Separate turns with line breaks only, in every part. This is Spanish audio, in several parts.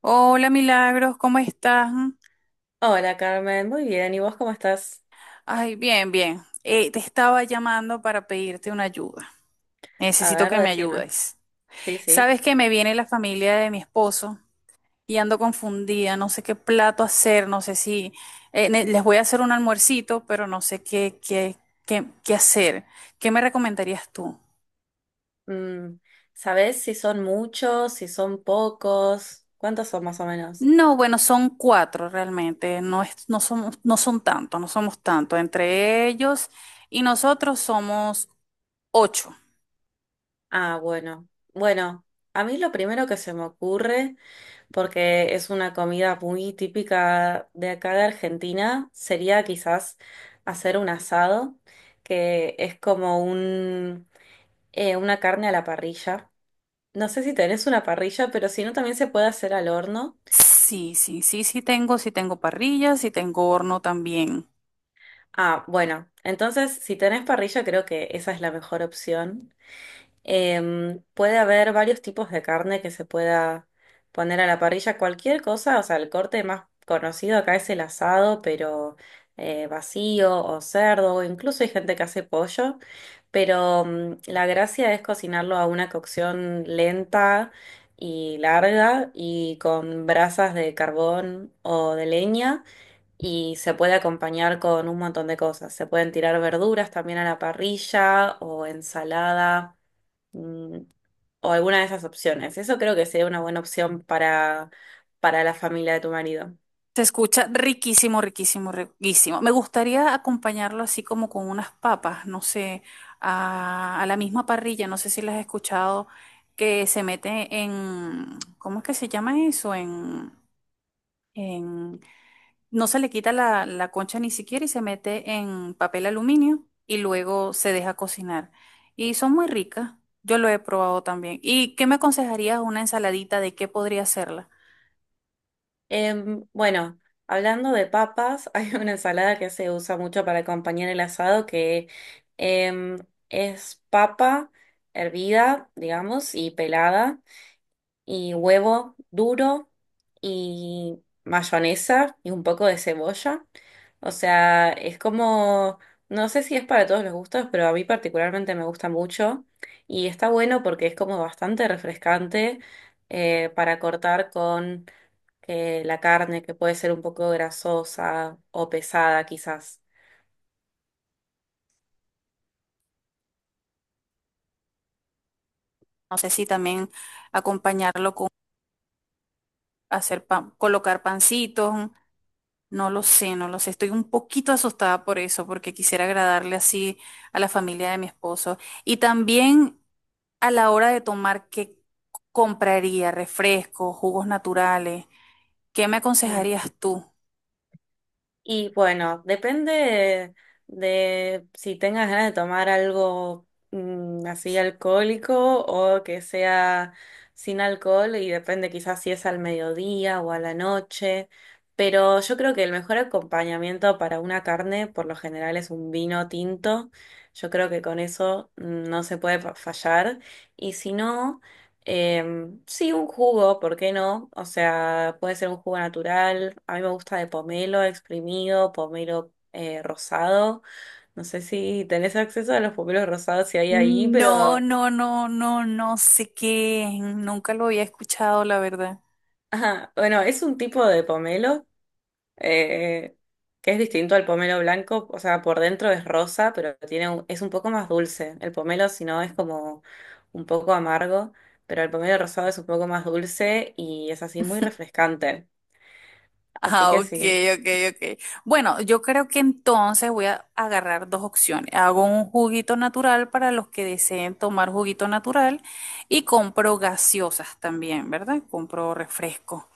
Hola Milagros, ¿cómo estás?
Hola Carmen, muy bien. ¿Y vos cómo estás?
Ay, bien, bien. Te estaba llamando para pedirte una ayuda.
A
Necesito
ver,
que me
decime.
ayudes.
Sí, sí.
Sabes que me viene la familia de mi esposo y ando confundida, no sé qué plato hacer, no sé si les voy a hacer un almuercito, pero no sé qué hacer. ¿Qué me recomendarías tú?
Mm, ¿Sabés si son muchos, si son pocos? ¿Cuántos son más o menos?
No, bueno, son cuatro realmente, no son tantos, no somos tantos. Entre ellos y nosotros somos ocho.
Ah, bueno. Bueno, a mí lo primero que se me ocurre, porque es una comida muy típica de acá de Argentina, sería quizás hacer un asado, que es como un, una carne a la parrilla. No sé si tenés una parrilla, pero si no, también se puede hacer al horno.
Sí, sí, sí, sí tengo parrilla, sí tengo horno también.
Ah, bueno, entonces si tenés parrilla creo que esa es la mejor opción. Puede haber varios tipos de carne que se pueda poner a la parrilla, cualquier cosa, o sea, el corte más conocido acá es el asado, pero vacío o cerdo, o incluso hay gente que hace pollo, pero la gracia es cocinarlo a una cocción lenta y larga y con brasas de carbón o de leña y se puede acompañar con un montón de cosas. Se pueden tirar verduras también a la parrilla o ensalada mm, o alguna de esas opciones. Eso creo que sería una buena opción para la familia de tu marido.
Se escucha riquísimo, riquísimo, riquísimo. Me gustaría acompañarlo así como con unas papas, no sé, a la misma parrilla, no sé si las has escuchado, que se mete en, ¿cómo es que se llama eso? En No se le quita la concha ni siquiera y se mete en papel aluminio y luego se deja cocinar. Y son muy ricas. Yo lo he probado también. ¿Y qué me aconsejarías una ensaladita de qué podría hacerla?
Bueno, hablando de papas, hay una ensalada que se usa mucho para acompañar el asado que em, es papa hervida, digamos, y pelada. Y huevo duro y mayonesa y un poco de cebolla. O sea, es como, no sé si es para todos los gustos, pero a mí particularmente me gusta mucho y está bueno porque es como bastante refrescante para cortar con la carne que puede ser un poco grasosa o pesada quizás.
No sé si también acompañarlo con hacer pan, colocar pancitos. No lo sé, no lo sé. Estoy un poquito asustada por eso, porque quisiera agradarle así a la familia de mi esposo. Y también a la hora de tomar, ¿qué compraría? Refrescos, jugos naturales. ¿Qué me aconsejarías tú?
Y bueno, depende de si tengas ganas de tomar algo así alcohólico o que sea sin alcohol y depende quizás si es al mediodía o a la noche. Pero yo creo que el mejor acompañamiento para una carne por lo general es un vino tinto. Yo creo que con eso no se puede fallar. Y si no... Sí, un jugo, ¿por qué no? O sea, puede ser un jugo natural. A mí me gusta de pomelo exprimido, pomelo rosado. No sé si tenés acceso a los pomelos rosados si hay ahí,
No,
pero
no, no, no, no sé nunca lo había escuchado, la verdad.
ajá, bueno, es un tipo de pomelo eh, que es distinto al pomelo blanco. O sea, por dentro es rosa, pero tiene es un poco más dulce. El pomelo, si no, es como un poco amargo, pero el pomelo rosado es un poco más dulce y es así muy refrescante. Así
Ah,
que
ok,
sí.
ok, ok. Bueno, yo creo que entonces voy a agarrar dos opciones. Hago un juguito natural para los que deseen tomar juguito natural y compro gaseosas también, ¿verdad? Compro refresco.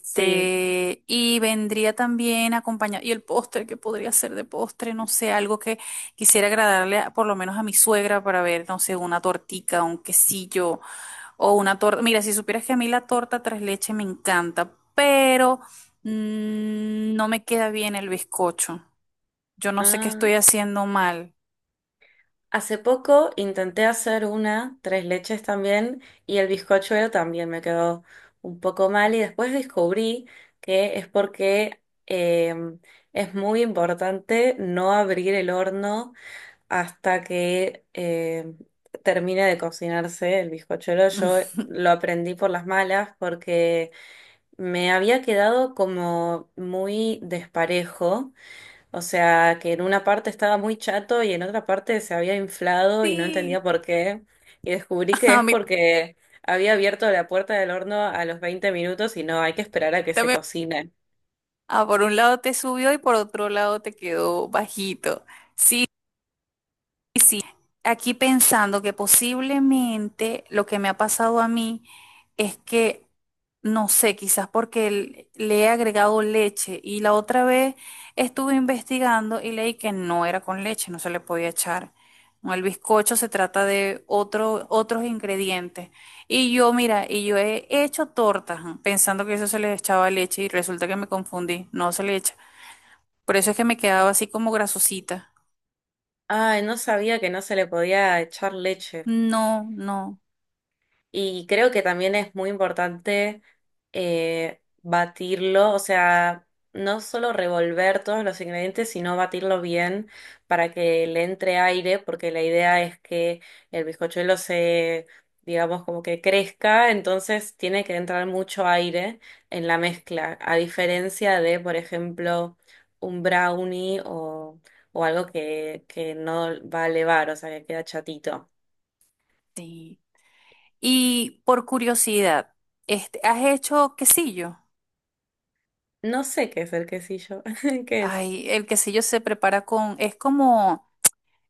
Sí.
y vendría también acompañado, y el postre, que podría ser de postre, no sé, algo que quisiera agradarle a- por lo menos a mi suegra para ver, no sé, una tortica, un quesillo o una torta. Mira, si supieras que a mí la torta tres leches me encanta, pero no me queda bien el bizcocho. Yo no sé qué
Ah,
estoy haciendo mal.
hace poco intenté hacer una, tres leches también, y el bizcochuelo también me quedó un poco mal y después descubrí que es porque eh, es muy importante no abrir el horno hasta que termine de cocinarse el bizcochuelo. Yo lo aprendí por las malas porque me había quedado como muy desparejo. O sea, que en una parte estaba muy chato y en otra parte se había inflado y no
Sí,
entendía por qué. Y descubrí que
a
es
mí
porque había abierto la puerta del horno a los 20 minutos y no, hay que esperar a que se
también.
cocine.
Ah, por un lado te subió y por otro lado te quedó bajito. Sí. Sí, aquí pensando que posiblemente lo que me ha pasado a mí es que, no sé, quizás porque le he agregado leche y la otra vez estuve investigando y leí que no era con leche, no se le podía echar. No, el bizcocho se trata de otros ingredientes. Y yo, mira, y yo he hecho tortas, ¿no? Pensando que eso se le echaba leche y resulta que me confundí, no se le echa. Por eso es que me quedaba así como grasosita.
Ay, no sabía que no se le podía echar leche.
No, no.
Y creo que también es muy importante batirlo, o sea, no solo revolver todos los ingredientes, sino batirlo bien para que le entre aire, porque la idea es que el bizcochuelo se, digamos, como que crezca, entonces tiene que entrar mucho aire en la mezcla, a diferencia de, por ejemplo, un brownie o algo que no va a elevar, o sea, que queda chatito.
Sí. Y por curiosidad, este, ¿has hecho quesillo?
No sé qué es el quesillo. ¿Qué es?
Ay, el quesillo se prepara con, es como,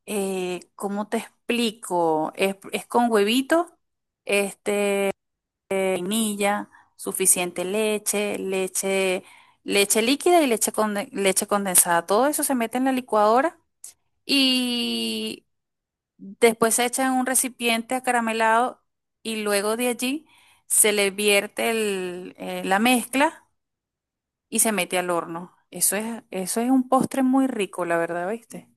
¿cómo te explico? Es con huevito, este, vainilla, suficiente leche, leche líquida y leche condensada. Todo eso se mete en la licuadora y después se echa en un recipiente acaramelado y luego de allí se le vierte la mezcla y se mete al horno. Eso es un postre muy rico, la verdad, ¿viste?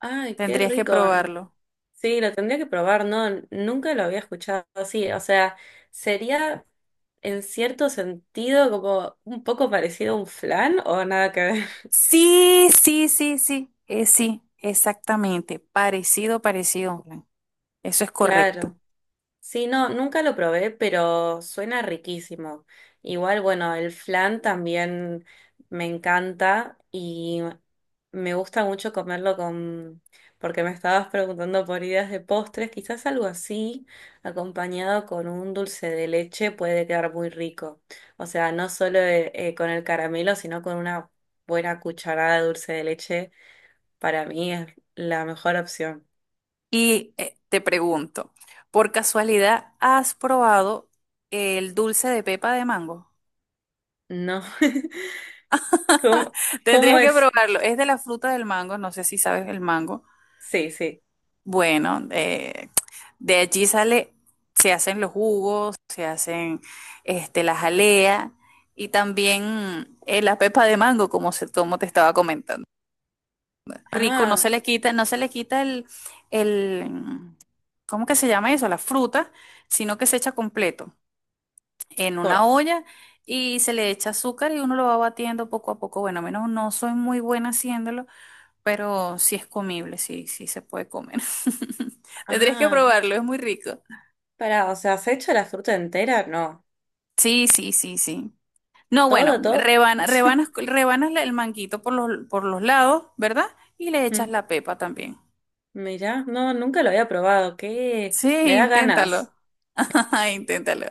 Ay, qué
Tendrías que
rico.
probarlo.
Sí, lo tendría que probar, ¿no? Nunca lo había escuchado así. O sea, sería en cierto sentido como un poco parecido a un flan o nada que ver.
Sí, sí, sí, sí, sí, exactamente. Parecido, parecido, Juan. Eso es
Claro.
correcto.
Sí, no, nunca lo probé, pero suena riquísimo. Igual, bueno, el flan también me encanta y me gusta mucho comerlo con, porque me estabas preguntando por ideas de postres, quizás algo así, acompañado con un dulce de leche puede quedar muy rico. O sea, no solo con el caramelo, sino con una buena cucharada de dulce de leche, para mí es la mejor opción.
Y te pregunto, ¿por casualidad has probado el dulce de pepa de mango?
No, ¿cómo, cómo
Tendrías que
es?
probarlo. Es de la fruta del mango, no sé si sabes el mango.
Sí, sí.
Bueno, de allí sale, se hacen los jugos, se hacen este, la jalea y también la pepa de mango, como te estaba comentando. Rico, no
Ah,
se le quita, no se le quita el, ¿cómo que se llama eso? La fruta, sino que se echa completo en
co-
una olla y se le echa azúcar y uno lo va batiendo poco a poco. Bueno, a menos no soy muy buena haciéndolo, pero sí es comible, sí, sí se puede comer. Tendrías que
ah,
probarlo, es muy rico.
para, o sea, ¿se echa la fruta entera? No,
Sí, sí, sí, sí. No, bueno,
todo, todo.
rebanas el manguito por los lados, ¿verdad? Y le echas
Mm,
la pepa también.
Mirá, no, nunca lo había probado. ¿Qué?
Sí,
Me da
inténtalo.
ganas. S-
Inténtalo.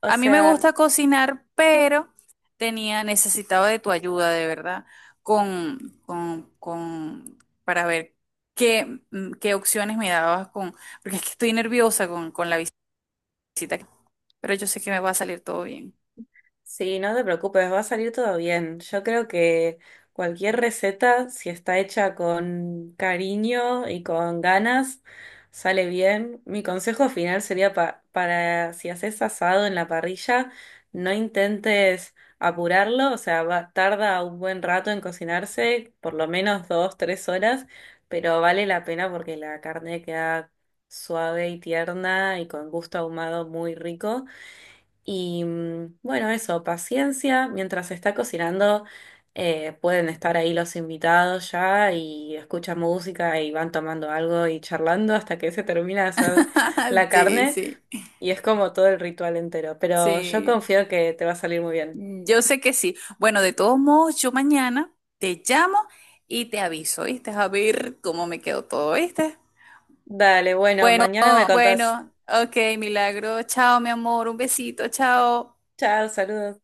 O
A mí me
sea,
gusta cocinar, pero necesitaba de tu ayuda, de verdad, con, con, con, para ver qué opciones me dabas con, porque es que estoy nerviosa con la cita, pero yo sé que me va a salir todo bien.
sí, no te preocupes, va a salir todo bien. Yo creo que cualquier receta, si está hecha con cariño y con ganas, sale bien. Mi consejo final sería para si haces asado en la parrilla, no intentes apurarlo, o sea, tarda un buen rato en cocinarse, por lo menos 2, 3 horas, pero vale la pena porque la carne queda suave y tierna y con gusto ahumado muy rico. Y bueno, eso, paciencia. Mientras se está cocinando, pueden estar ahí los invitados ya y escuchan música y van tomando algo y charlando hasta que se termina de hacer la
Sí,
carne.
sí,
Y es como todo el ritual entero. Pero yo
sí.
confío que te va a salir muy bien.
Yo sé que sí. Bueno, de todos modos, yo mañana te llamo y te aviso, ¿viste? A ver cómo me quedó todo, ¿viste?
Dale, bueno, mañana me
Oh,
contás.
bueno, ok, Milagro. Chao, mi amor. Un besito, chao.
Chao, saludos.